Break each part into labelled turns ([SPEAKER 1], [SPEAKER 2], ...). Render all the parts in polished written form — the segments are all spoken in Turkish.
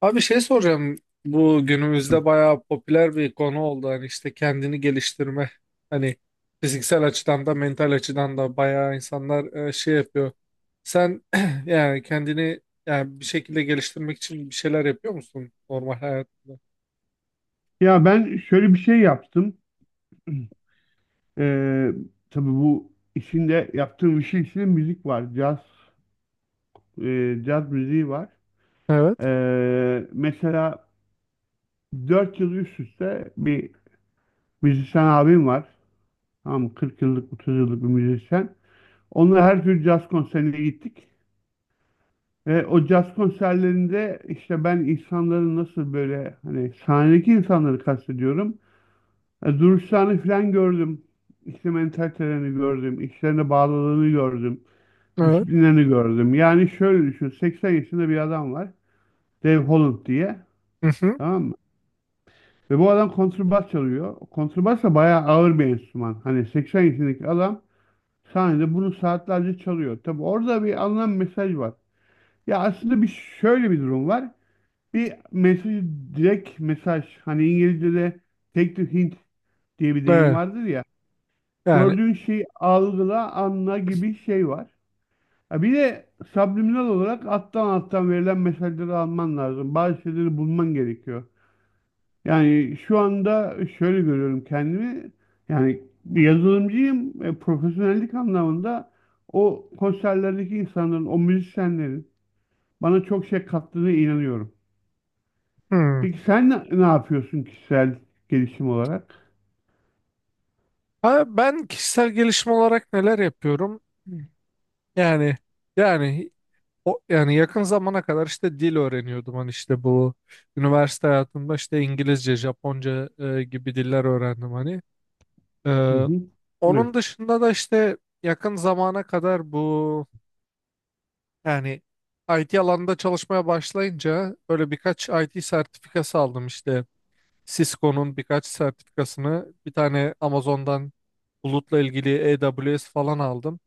[SPEAKER 1] Abi şey soracağım. Bu günümüzde bayağı popüler bir konu oldu. Hani işte kendini geliştirme. Hani fiziksel açıdan da mental açıdan da bayağı insanlar şey yapıyor. Sen yani kendini yani bir şekilde geliştirmek için bir şeyler yapıyor musun normal hayatında?
[SPEAKER 2] Ya ben şöyle bir şey yaptım. Ee, tabii bu işinde yaptığım işin içinde müzik var. Caz müziği var.
[SPEAKER 1] Evet,
[SPEAKER 2] Mesela 4 yıl üst üste bir müzisyen abim var. Tamam mı? 40 yıllık, 30 yıllık bir müzisyen. Onunla her tür caz konserine gittik. Ve o caz konserlerinde işte ben insanların nasıl, böyle, hani sahnedeki insanları kastediyorum. Duruşlarını falan gördüm. İşte mentalitelerini gördüm. İşlerine bağlılığını gördüm.
[SPEAKER 1] evet.
[SPEAKER 2] Disiplinlerini gördüm. Yani şöyle düşün. 80 yaşında bir adam var. Dave Holland diye.
[SPEAKER 1] Hı hı.
[SPEAKER 2] Tamam mı? Ve bu adam kontrbas çalıyor. Kontrbas da bayağı ağır bir enstrüman. Hani 80 yaşındaki adam sahnede bunu saatlerce çalıyor. Tabi orada bir alınan mesaj var. Ya aslında, bir, şöyle bir durum var. Bir mesaj, direkt mesaj. Hani İngilizce'de "take the hint" diye bir deyim
[SPEAKER 1] Evet.
[SPEAKER 2] vardır ya.
[SPEAKER 1] Yani
[SPEAKER 2] Gördüğün şeyi algıla, anla gibi şey var. Ha bir de subliminal olarak alttan alttan verilen mesajları alman lazım. Bazı şeyleri bulman gerekiyor. Yani şu anda şöyle görüyorum kendimi. Yani bir yazılımcıyım. Profesyonellik anlamında o konserlerdeki insanların, o müzisyenlerin bana çok şey kattığına inanıyorum.
[SPEAKER 1] hı.
[SPEAKER 2] Peki sen ne, ne yapıyorsun kişisel gelişim olarak?
[SPEAKER 1] Ha, ben kişisel gelişim olarak neler yapıyorum? Yani yani Yani yakın zamana kadar işte dil öğreniyordum. Hani işte bu üniversite hayatımda işte İngilizce, Japonca gibi diller öğrendim hani. E,
[SPEAKER 2] Hı hı. Evet.
[SPEAKER 1] Onun dışında da işte yakın zamana kadar bu yani IT alanında çalışmaya başlayınca böyle birkaç IT sertifikası aldım işte. Cisco'nun birkaç sertifikasını, bir tane Amazon'dan bulutla ilgili AWS falan aldım.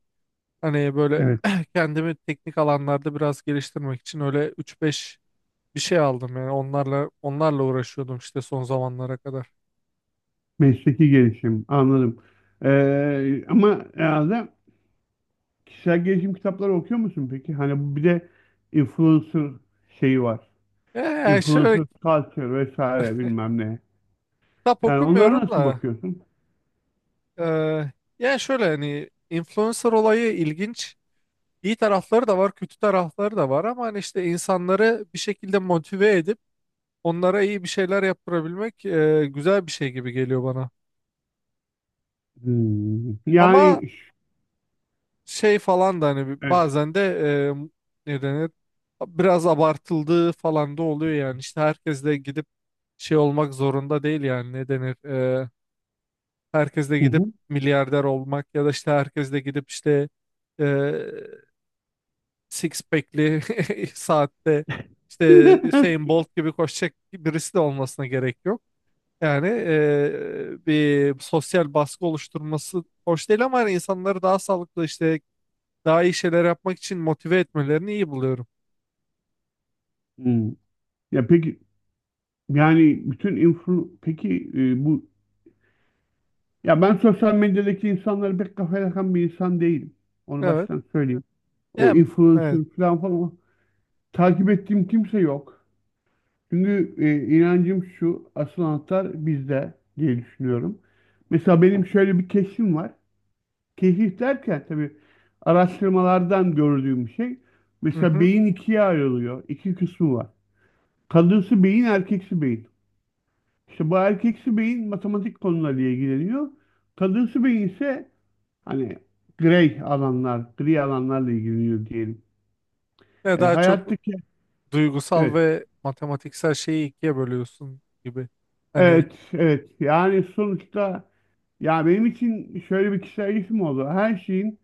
[SPEAKER 1] Hani böyle
[SPEAKER 2] Evet.
[SPEAKER 1] kendimi teknik alanlarda biraz geliştirmek için öyle üç beş bir şey aldım, yani onlarla uğraşıyordum işte son zamanlara kadar.
[SPEAKER 2] Mesleki gelişim, anladım. Ama herhalde kişisel gelişim kitapları okuyor musun peki? Hani bir de influencer şeyi var.
[SPEAKER 1] Yani şöyle,
[SPEAKER 2] Influencer culture vesaire bilmem ne.
[SPEAKER 1] kitap
[SPEAKER 2] Yani onlara
[SPEAKER 1] okumuyorum
[SPEAKER 2] nasıl
[SPEAKER 1] da
[SPEAKER 2] bakıyorsun?
[SPEAKER 1] eee yani şöyle hani influencer olayı ilginç. İyi tarafları da var, kötü tarafları da var ama hani işte insanları bir şekilde motive edip onlara iyi bir şeyler yaptırabilmek güzel bir şey gibi geliyor bana.
[SPEAKER 2] Hmm.
[SPEAKER 1] Ama şey falan da hani
[SPEAKER 2] Evet.
[SPEAKER 1] bazen de ne denir, biraz abartıldığı falan da oluyor yani. İşte herkes de gidip şey olmak zorunda değil, yani ne denir herkes de
[SPEAKER 2] Hı
[SPEAKER 1] gidip
[SPEAKER 2] hı.
[SPEAKER 1] milyarder olmak ya da işte herkes de gidip işte e, six pack'li saatte işte Usain Bolt gibi koşacak birisi de olmasına gerek yok. Yani bir sosyal baskı oluşturması hoş değil ama hani insanları daha sağlıklı işte daha iyi şeyler yapmak için motive etmelerini iyi buluyorum.
[SPEAKER 2] Hmm. Ya peki, yani bütün influ, peki, bu, ya, ben sosyal medyadaki insanları pek kafaya takan bir insan değilim. Onu
[SPEAKER 1] Evet.
[SPEAKER 2] baştan söyleyeyim. O
[SPEAKER 1] Yani
[SPEAKER 2] influencer,
[SPEAKER 1] evet.
[SPEAKER 2] falan falan. Takip ettiğim kimse yok. Çünkü inancım şu, asıl anahtar bizde diye düşünüyorum. Mesela benim şöyle bir keşfim var. Keşif derken tabii araştırmalardan gördüğüm bir şey.
[SPEAKER 1] Hı
[SPEAKER 2] Mesela
[SPEAKER 1] hı.
[SPEAKER 2] beyin ikiye ayrılıyor. İki kısmı var. Kadınsı beyin, erkeksi beyin. İşte bu erkeksi beyin matematik konularıyla ilgileniyor. Kadınsı beyin ise hani grey alanlar, gri alanlarla ilgileniyor diyelim.
[SPEAKER 1] Ya
[SPEAKER 2] E,
[SPEAKER 1] daha çok
[SPEAKER 2] hayattaki,
[SPEAKER 1] duygusal
[SPEAKER 2] evet,
[SPEAKER 1] ve matematiksel şeyi ikiye bölüyorsun gibi. Hani
[SPEAKER 2] evet, evet. Yani sonuçta Ya, benim için şöyle bir kişisel gelişim oldu. Her şeyin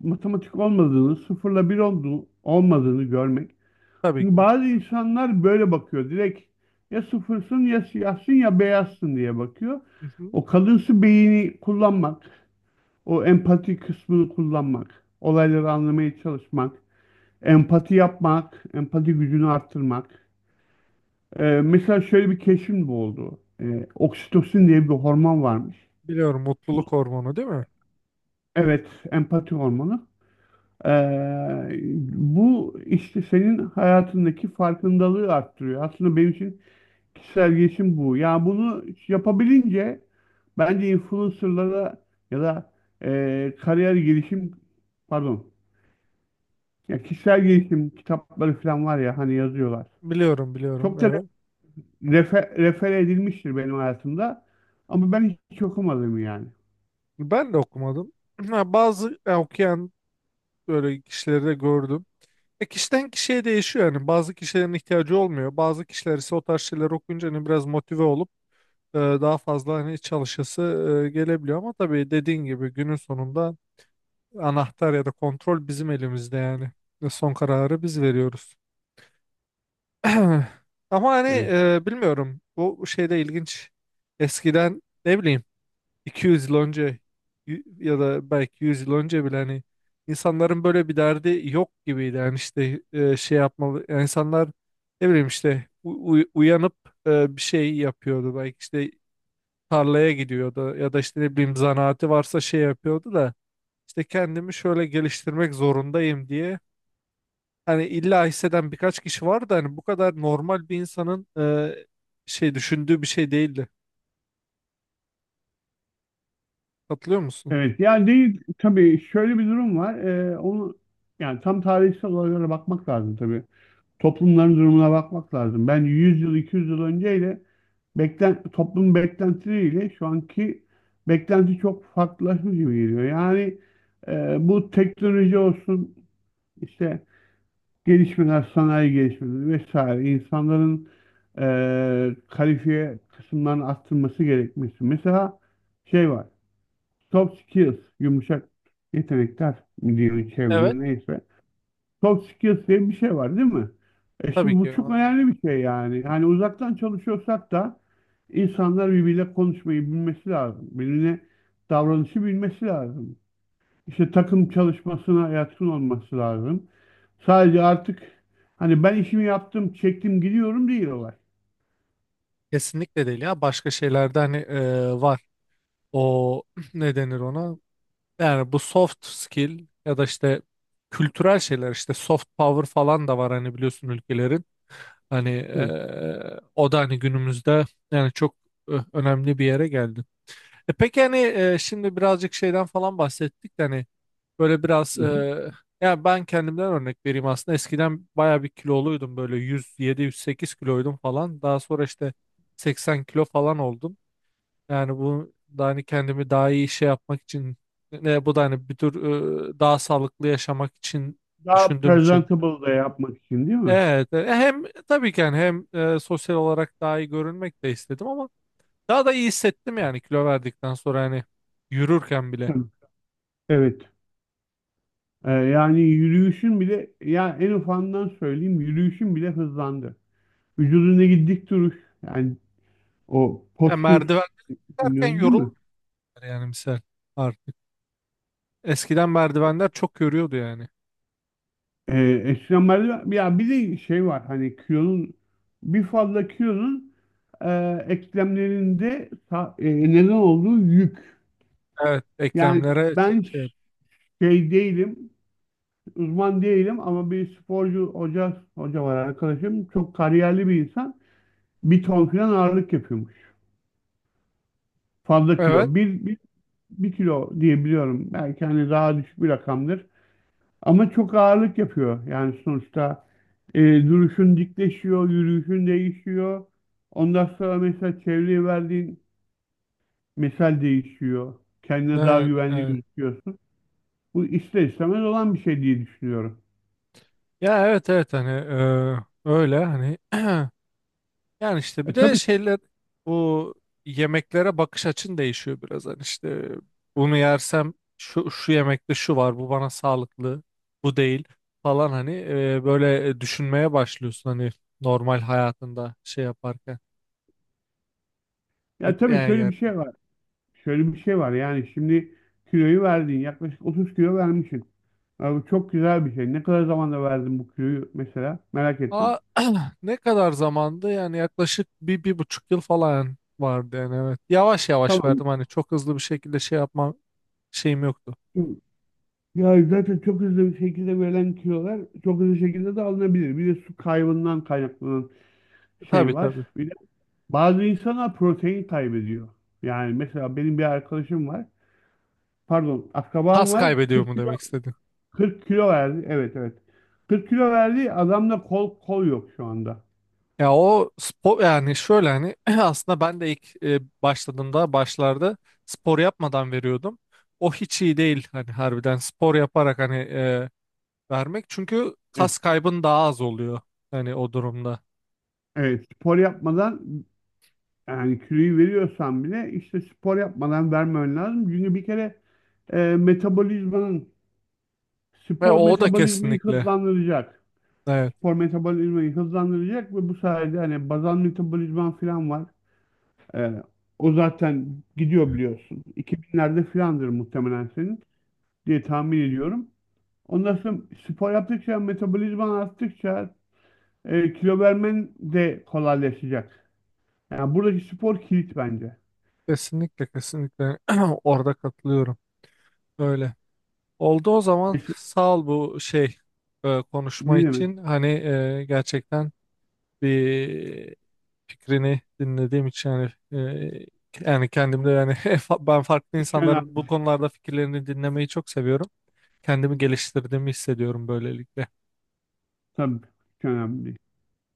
[SPEAKER 2] matematik olmadığını, sıfırla bir olduğu, olmadığını görmek.
[SPEAKER 1] tabii
[SPEAKER 2] Çünkü
[SPEAKER 1] ki.
[SPEAKER 2] bazı insanlar böyle bakıyor. Direkt, ya sıfırsın ya siyahsın ya beyazsın diye bakıyor.
[SPEAKER 1] Hı hı.
[SPEAKER 2] O kalınsı beyni kullanmak, o empati kısmını kullanmak, olayları anlamaya çalışmak, empati yapmak, empati gücünü arttırmak. Mesela şöyle bir keşfim bu oldu. Oksitosin diye bir hormon varmış.
[SPEAKER 1] Biliyorum, mutluluk hormonu değil mi?
[SPEAKER 2] Evet, empati hormonu. Ee, Bu işte senin hayatındaki farkındalığı arttırıyor. Aslında benim için kişisel gelişim bu. Yani bunu yapabilince bence influencerlara ya da, kariyer gelişim, pardon, ya kişisel gelişim kitapları falan var ya hani yazıyorlar.
[SPEAKER 1] Biliyorum, biliyorum,
[SPEAKER 2] Çok da
[SPEAKER 1] evet.
[SPEAKER 2] refer edilmiştir benim hayatımda ama ben hiç okumadım yani.
[SPEAKER 1] Ben de okumadım. Ha, bazı okuyan böyle kişileri de gördüm. Kişiden kişiye değişiyor yani. Bazı kişilerin ihtiyacı olmuyor. Bazı kişiler ise o tarz şeyler okuyunca hani biraz motive olup daha fazla hani iç çalışası gelebiliyor ama tabii dediğin gibi günün sonunda anahtar ya da kontrol bizim elimizde yani. Ve son kararı biz veriyoruz. Ama hani
[SPEAKER 2] Evet.
[SPEAKER 1] bilmiyorum, bu şeyde ilginç. Eskiden ne bileyim 200 yıl önce ya da belki 100 yıl önce bile hani insanların böyle bir derdi yok gibiydi. Yani işte şey yapmalı, yani insanlar ne bileyim işte uyanıp bir şey yapıyordu. Belki işte tarlaya gidiyordu ya da işte ne bileyim zanaati varsa şey yapıyordu da işte kendimi şöyle geliştirmek zorundayım diye hani illa hisseden birkaç kişi var da hani bu kadar normal bir insanın şey düşündüğü bir şey değildi. Katılıyor musun?
[SPEAKER 2] Evet. Yani değil tabii, şöyle bir durum var. Onu, yani tam tarihsel olaylara bakmak lazım tabii. Toplumların durumuna bakmak lazım. Ben 100 yıl 200 yıl önceyle, toplum beklentileriyle şu anki beklenti çok farklılaşmış gibi geliyor. Yani bu teknoloji olsun, işte gelişmeler, sanayi gelişmeleri vesaire, insanların kalifiye kısımlarını arttırması gerekmesi. Mesela şey var. Soft skills, yumuşak yetenekler mi diyelim
[SPEAKER 1] Evet.
[SPEAKER 2] çevrede, neyse. Soft skills diye bir şey var değil mi? E
[SPEAKER 1] Tabii
[SPEAKER 2] şimdi
[SPEAKER 1] ki
[SPEAKER 2] bu çok
[SPEAKER 1] yani.
[SPEAKER 2] önemli bir şey yani. Hani uzaktan çalışıyorsak da insanlar birbiriyle konuşmayı bilmesi lazım. Birbirine davranışı bilmesi lazım. İşte takım çalışmasına yatkın olması lazım. Sadece artık hani ben işimi yaptım, çektim, gidiyorum değil olay.
[SPEAKER 1] Kesinlikle değil ya, başka şeylerde hani var o ne denir ona, yani bu soft skill ya da işte kültürel şeyler, işte soft power falan da var hani, biliyorsun, ülkelerin. Hani
[SPEAKER 2] Evet.
[SPEAKER 1] o da hani günümüzde yani çok önemli bir yere geldi. E peki hani şimdi birazcık şeyden falan bahsettik de hani böyle biraz
[SPEAKER 2] Hı hı.
[SPEAKER 1] yani ben kendimden örnek vereyim. Aslında eskiden baya bir kiloluydum, böyle 107-108 kiloydum falan, daha sonra işte 80 kilo falan oldum. Yani bu da hani kendimi daha iyi şey yapmak için, ne, bu da hani bir tür daha sağlıklı yaşamak için
[SPEAKER 2] Daha
[SPEAKER 1] düşündüğüm için.
[SPEAKER 2] presentable da yapmak için değil mi?
[SPEAKER 1] Evet, hem tabii ki yani hem sosyal olarak daha iyi görünmek de istedim ama daha da iyi hissettim yani kilo verdikten sonra hani yürürken bile.
[SPEAKER 2] Hı. Evet. Yani yürüyüşün bile, ya en ufandan söyleyeyim, yürüyüşün bile hızlandı. Vücudundaki dik duruş, yani o
[SPEAKER 1] Yani
[SPEAKER 2] postür,
[SPEAKER 1] merdiven çıkarken
[SPEAKER 2] dinliyoruz değil
[SPEAKER 1] yorulmuyor
[SPEAKER 2] mi?
[SPEAKER 1] yani misal artık. Eskiden merdivenler çok yoruyordu yani.
[SPEAKER 2] Eskiden merdiven, ya bir de şey var, hani kilonun, bir fazla kilonun, e, eklemlerinde neden olduğu yük.
[SPEAKER 1] Evet,
[SPEAKER 2] Yani
[SPEAKER 1] eklemlere çok
[SPEAKER 2] ben
[SPEAKER 1] şey.
[SPEAKER 2] şey değilim, uzman değilim, ama bir sporcu hoca var arkadaşım, çok kariyerli bir insan. Bir ton falan ağırlık yapıyormuş. Fazla
[SPEAKER 1] Evet,
[SPEAKER 2] kilo. Bir kilo diye biliyorum. Belki hani daha düşük bir rakamdır. Ama çok ağırlık yapıyor. Yani sonuçta e, duruşun dikleşiyor, yürüyüşün değişiyor. Ondan sonra mesela çevreye verdiğin mesel değişiyor. Kendine daha
[SPEAKER 1] evet,
[SPEAKER 2] güvenli
[SPEAKER 1] evet.
[SPEAKER 2] gözüküyorsun. Bu ister istemez olan bir şey diye düşünüyorum.
[SPEAKER 1] Ya evet, evet hani öyle hani yani işte bir de
[SPEAKER 2] Tabii,
[SPEAKER 1] şeyler, bu yemeklere bakış açın değişiyor biraz. Hani işte bunu yersem şu, şu yemekte şu var, bu bana sağlıklı, bu değil falan, hani böyle düşünmeye başlıyorsun hani normal hayatında şey yaparken,
[SPEAKER 2] ya tabii,
[SPEAKER 1] yani
[SPEAKER 2] şöyle bir
[SPEAKER 1] yerken.
[SPEAKER 2] şey var. Yani şimdi kiloyu verdin. Yaklaşık 30 kilo vermişsin. Ya bu çok güzel bir şey. Ne kadar zamanda verdin bu kiloyu mesela? Merak ettim.
[SPEAKER 1] Aa, ne kadar zamandı, yani yaklaşık bir, bir buçuk yıl falan vardı yani, evet. Yavaş yavaş
[SPEAKER 2] Tamam.
[SPEAKER 1] verdim hani, çok hızlı bir şekilde şey yapma şeyim yoktu.
[SPEAKER 2] Ya zaten çok hızlı bir şekilde verilen kilolar çok hızlı şekilde de alınabilir. Bir de su kaybından kaynaklanan şey
[SPEAKER 1] Tabii,
[SPEAKER 2] var.
[SPEAKER 1] tabii.
[SPEAKER 2] Bir de bazı insanlar protein kaybediyor. Yani mesela benim bir arkadaşım var. Pardon, akrabam
[SPEAKER 1] Kas
[SPEAKER 2] var.
[SPEAKER 1] kaybediyor
[SPEAKER 2] 40
[SPEAKER 1] mu
[SPEAKER 2] kilo
[SPEAKER 1] demek istedin?
[SPEAKER 2] verdi. Evet, evet. 40 kilo verdi. Adamda kol kol yok şu anda.
[SPEAKER 1] Ya o spor, yani şöyle hani aslında ben de ilk başladığımda başlarda spor yapmadan veriyordum. O hiç iyi değil hani, harbiden spor yaparak hani vermek, çünkü
[SPEAKER 2] Evet,
[SPEAKER 1] kas kaybın daha az oluyor hani o durumda.
[SPEAKER 2] evet. Spor yapmadan Yani kiloyu veriyorsan bile işte spor yapmadan vermen lazım. Çünkü bir kere, e, metabolizmanın
[SPEAKER 1] Ve
[SPEAKER 2] spor
[SPEAKER 1] o da
[SPEAKER 2] metabolizmayı
[SPEAKER 1] kesinlikle,
[SPEAKER 2] hızlandıracak.
[SPEAKER 1] evet,
[SPEAKER 2] Spor metabolizmayı hızlandıracak ve bu sayede hani bazal metabolizman falan var. E, O zaten gidiyor biliyorsun. 2000'lerde filandır muhtemelen senin diye tahmin ediyorum. Ondan sonra spor yaptıkça, metabolizman arttıkça, kilo vermen de kolaylaşacak. Yani buradaki spor kilit bence.
[SPEAKER 1] kesinlikle kesinlikle orada katılıyorum. Öyle. Oldu o zaman,
[SPEAKER 2] Mes-
[SPEAKER 1] sağ ol bu şey konuşma
[SPEAKER 2] Ne demek?
[SPEAKER 1] için hani gerçekten bir fikrini dinlediğim için, yani yani kendimde yani ben farklı
[SPEAKER 2] Hiç
[SPEAKER 1] insanların bu
[SPEAKER 2] önemli.
[SPEAKER 1] konularda fikirlerini dinlemeyi çok seviyorum. Kendimi geliştirdiğimi hissediyorum böylelikle.
[SPEAKER 2] Tabii, çok önemli.